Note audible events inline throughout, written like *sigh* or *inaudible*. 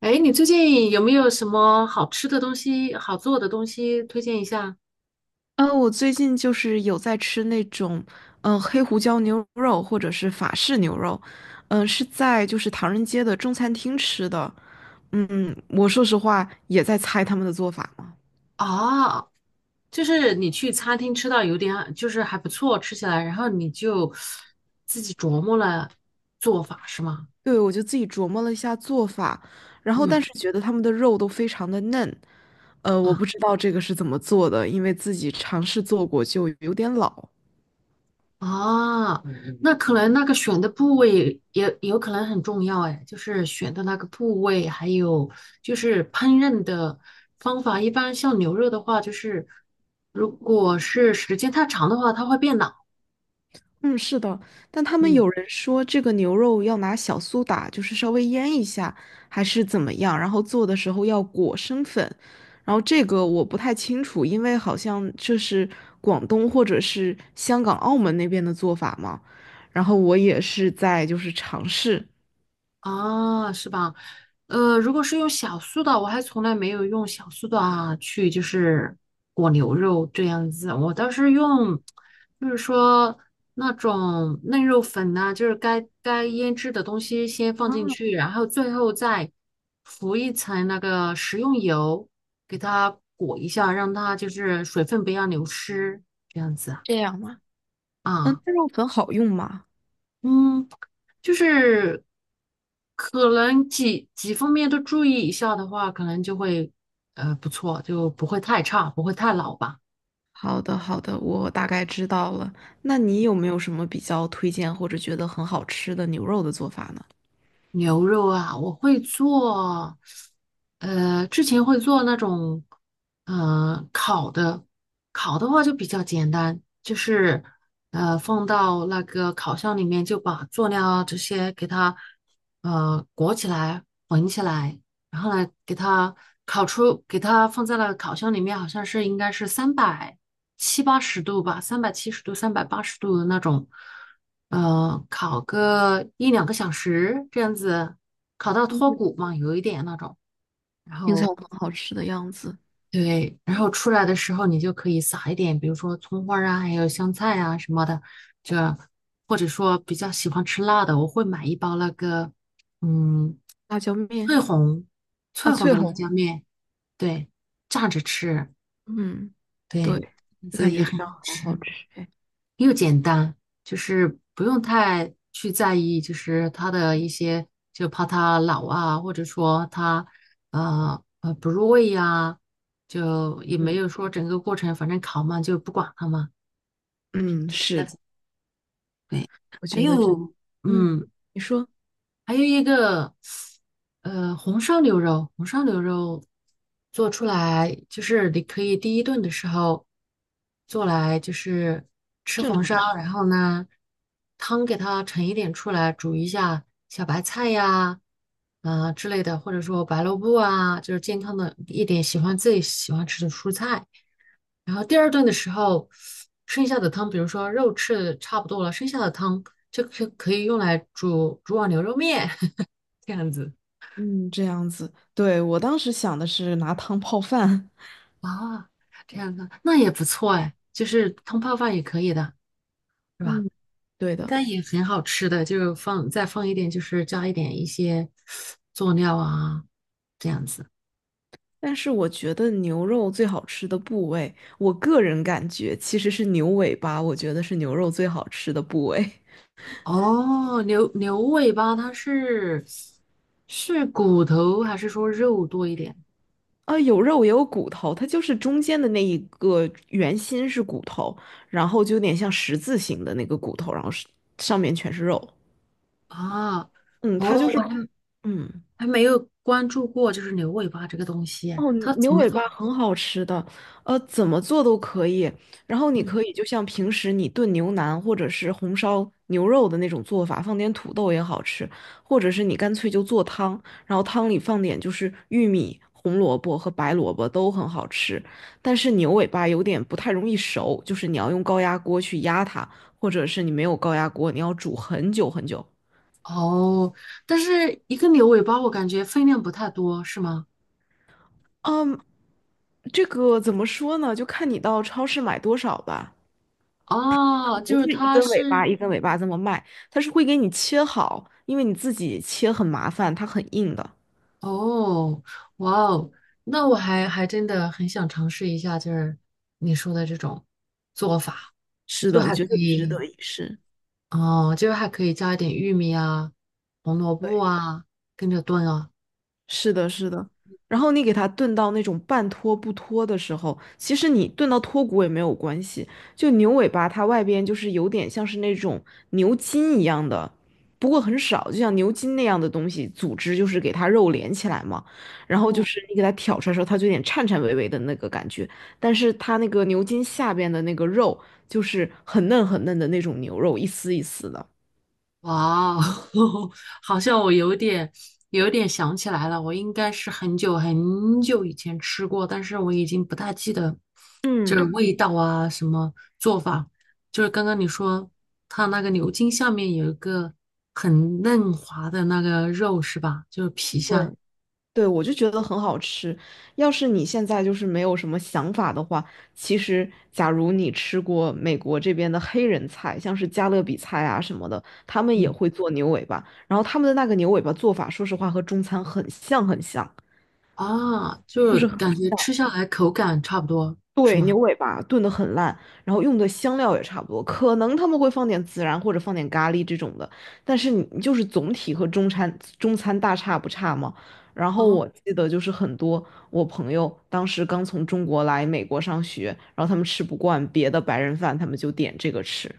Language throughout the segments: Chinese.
哎，你最近有没有什么好吃的东西、好做的东西推荐一下？我最近就是有在吃那种，黑胡椒牛肉或者是法式牛肉，是在就是唐人街的中餐厅吃的。我说实话也在猜他们的做法嘛。啊，就是你去餐厅吃到有点，就是还不错，吃起来，然后你就自己琢磨了做法是吗？对，我就自己琢磨了一下做法，然后嗯但是觉得他们的肉都非常的嫩，我啊不知道这个是怎么做的，因为自己尝试做过就有点老。啊，嗯嗯那可能那个选的部位也有可能很重要哎，就是选的那个部位，还有就是烹饪的方法。一般像牛肉的话，就是如果是时间太长的话，它会变老。嗯，是的，但他们嗯。有人说这个牛肉要拿小苏打，就是稍微腌一下，还是怎么样，然后做的时候要裹生粉，然后这个我不太清楚，因为好像这是广东或者是香港、澳门那边的做法嘛，然后我也是在就是尝试，啊，是吧？如果是用小苏打，我还从来没有用小苏打去就是裹牛肉这样子，我倒是用，就是说那种嫩肉粉呐、就是该腌制的东西先放啊，进去，然后最后再浮一层那个食用油，给它裹一下，让它就是水分不要流失，这样子啊。这样吗？嗯，啊那肉粉好用吗？嗯，就是可能几方面都注意一下的话，可能就会不错，就不会太差，不会太老吧。好的，好的，我大概知道了。那你有没有什么比较推荐或者觉得很好吃的牛肉的做法呢？牛肉啊，我会做，之前会做那种，烤的，烤的话就比较简单，就是放到那个烤箱里面，就把佐料啊这些给它裹起来，混起来。然后来给它烤出，给它放在了烤箱里面，好像是应该是三百七八十度吧，三百七十度、三百八十度的那种，烤个一两个小时这样子，烤到脱骨嘛，有一点那种。然听起来后很好吃的样子。对，然后出来的时候你就可以撒一点，比如说葱花儿啊，还有香菜啊什么的，就或者说比较喜欢吃辣的，我会买一包那个，嗯，辣椒翠面红啊，翠红翠的辣红，椒面。对，炸着吃，嗯，对，对，就这感也觉这很样好好好吃，吃哎。又简单，就是不用太去在意，就是它的一些，就怕它老啊，或者说它不入味呀、就也没嗯有说整个过程，反正烤嘛就不管它嘛。嗯，是，对，我还觉得真，有，嗯，嗯，你说还有一个，红烧牛肉，红烧牛肉做出来就是你可以第一顿的时候做来，就是吃正红常烧，吃，然后呢，汤给它盛一点出来，煮一下小白菜呀，啊之类的，或者说白萝卜啊，就是健康的一点，喜欢自己喜欢吃的蔬菜。然后第二顿的时候，剩下的汤，比如说肉吃的差不多了，剩下的汤就可以用来煮碗牛肉面。这样子。嗯，这样子。对，我当时想的是拿汤泡饭。*laughs* 啊，这样子那也不错哎，就是汤泡饭也可以的，是吧？嗯，对应的，该也很好吃的，就是放再放一点，就是加一点一些佐料啊，这样子。但是我觉得牛肉最好吃的部位，我个人感觉其实是牛尾巴，我觉得是牛肉最好吃的部位。哦，牛尾巴它是骨头还是说肉多一点啊，有肉也有骨头，它就是中间的那一个圆心是骨头，然后就有点像十字形的那个骨头，然后是上面全是肉。啊？嗯，它就哦，我是，还嗯，还没有关注过，就是牛尾巴这个东西哎，哦，它怎牛么尾做？巴很好吃的，怎么做都可以。然后你嗯，可以就像平时你炖牛腩或者是红烧牛肉的那种做法，放点土豆也好吃，或者是你干脆就做汤，然后汤里放点就是玉米、红萝卜和白萝卜都很好吃。但是牛尾巴有点不太容易熟，就是你要用高压锅去压它，或者是你没有高压锅，你要煮很久很久。哦，但是一个牛尾巴我感觉分量不太多，是吗？嗯，这个怎么说呢？就看你到超市买多少吧。哦，不就是是一它根尾是巴一根尾巴这么卖，它是会给你切好，因为你自己切很麻烦，它很硬的。哦，哇哦，那我还真的很想尝试一下，就是你说的这种做法，是就的，我还可觉得值以得一试。哦，就是还可以加一点玉米啊、红萝卜对。啊，跟着炖啊。是的，是的。然后你给它炖到那种半脱不脱的时候，其实你炖到脱骨也没有关系。就牛尾巴，它外边就是有点像是那种牛筋一样的，不过很少，就像牛筋那样的东西组织，就是给它肉连起来嘛。然后就哦，是你给它挑出来的时候，它就有点颤颤巍巍的那个感觉，但是它那个牛筋下边的那个肉就是很嫩很嫩的那种牛肉，一丝一丝的。哇哦，*laughs* 好像我有点想起来了，我应该是很久很久以前吃过，但是我已经不大记得就是嗯，味道啊，什么做法。就是刚刚你说它那个牛筋下面有一个很嫩滑的那个肉是吧？就是皮对。下，对，我就觉得很好吃。要是你现在就是没有什么想法的话，其实假如你吃过美国这边的黑人菜，像是加勒比菜啊什么的，他们也嗯，会做牛尾巴，然后他们的那个牛尾巴做法，说实话和中餐很像很像。啊，就就是是。感觉吃下来口感差不多是对，吗？牛尾巴炖得很烂，然后用的香料也差不多，可能他们会放点孜然或者放点咖喱这种的，但是你就是总体和中餐大差不差嘛。然后哦我记得就是很多我朋友当时刚从中国来美国上学，然后他们吃不惯别的白人饭，他们就点这个吃。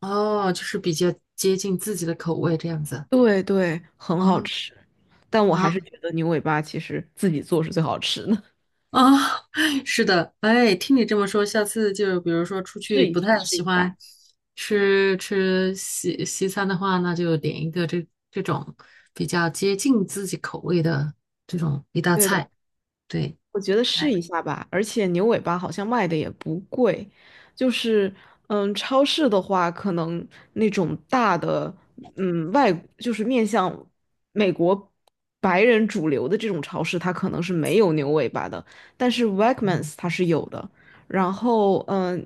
哦，就是比较接近自己的口味这样子。对对，很好啊吃，但我啊。还是觉得牛尾巴其实自己做是最好吃的，啊，*laughs* 是的，哎，听你这么说，下次就比如说出 *laughs* 去试一不下太试喜一欢下。吃西餐的话，那就点一个这种比较接近自己口味的这种一道对菜。的。对，我觉得试哎，一下吧，而且牛尾巴好像卖的也不贵，就是超市的话，可能那种大的，外就是面向美国白人主流的这种超市，它可能是没有牛尾巴的，但是 Wegmans 它是有的，然后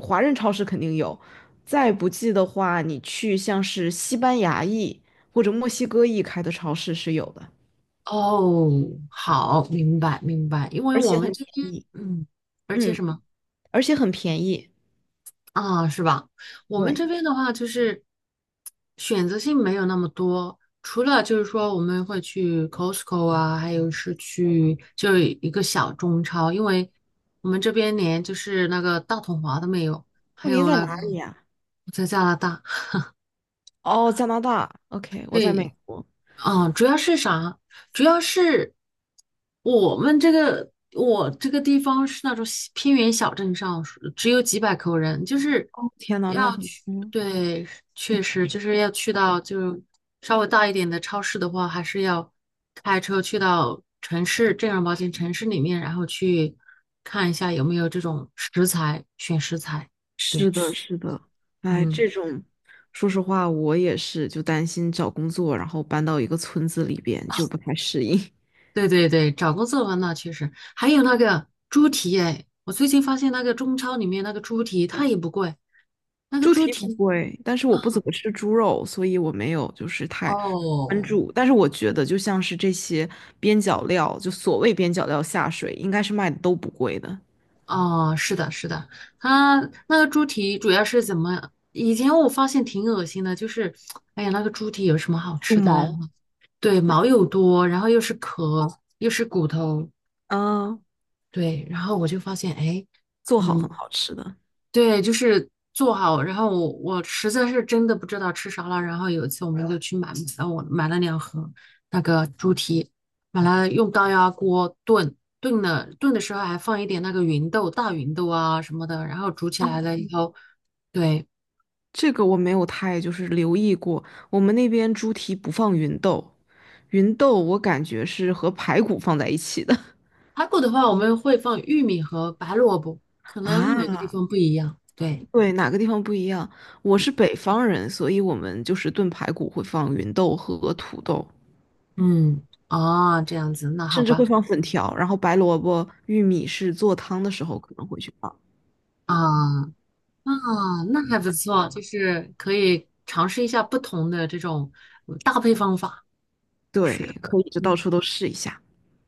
华人超市肯定有，再不济的话，你去像是西班牙裔或者墨西哥裔开的超市是有的，哦，好，明白明白，因为而我且们很这便边，宜，嗯，而且嗯，什么？而且很便宜。啊，是吧？我们对，这边的话就是选择性没有那么多，除了就是说我们会去 Costco 啊，还有是去就一个小中超，因为我们这边连就是那个大统华都没有，还哦，您有在那个哪里呀？我在加拿大，哦，加拿大。OK，我在对，美国。嗯，主要是啥？主要是我这个地方是那种小偏远小镇上，只有几百口人，就是哦，天呐，那要很，去，嗯，对，确实就是要去到就是稍微大一点的超市的话，还是要开车去到正儿八经城市里面，然后去看一下有没有这种食材，选食材。对，是的，是的。哎，嗯。这种，说实话，我也是，就担心找工作，然后搬到一个村子里边就不太适应。对对对，找工作的话，那确实，还有那个猪蹄哎，我最近发现那个中超里面那个猪蹄它也不贵，那个猪猪蹄不蹄贵，但是我不怎么吃猪肉，所以我没有就是太关哦注。但是我觉得，就像是这些边角料，就所谓边角料下水，应该是卖的都不贵的，哦是的是的，它那个猪蹄主要是怎么？以前我发现挺恶心的，就是哎呀那个猪蹄有什么好用吃的嘞？毛，对，毛又多，然后又是壳又是骨头，嗯，对，然后我就发现哎，做好很嗯，好吃的。对，就是做好。然后我实在是真的不知道吃啥了。然后有一次我们就去买，我买了两盒那个猪蹄，买了用高压锅炖，炖了炖的时候还放一点那个芸豆、大芸豆啊什么的。然后煮起来了以后，对，这个我没有太就是留意过，我们那边猪蹄不放芸豆，芸豆我感觉是和排骨放在一起的 *laughs*。排骨的话我们会放玉米和白萝卜，可能每个啊，地方不一样。对，对，哪个地方不一样？我是北方人，所以我们就是炖排骨会放芸豆和土豆，嗯，哦，这样子，那好甚至吧，会放粉条，然后白萝卜、玉米是做汤的时候可能会去放。啊。啊，那还不错，就是可以尝试一下不同的这种搭配方法。是，对，可以就到嗯处都试一下。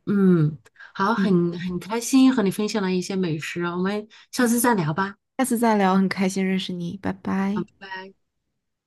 嗯，好，嗯，很开心和你分享了一些美食，我们下次嗯，再聊吧。下次再聊，很开心认识你，拜拜拜。拜。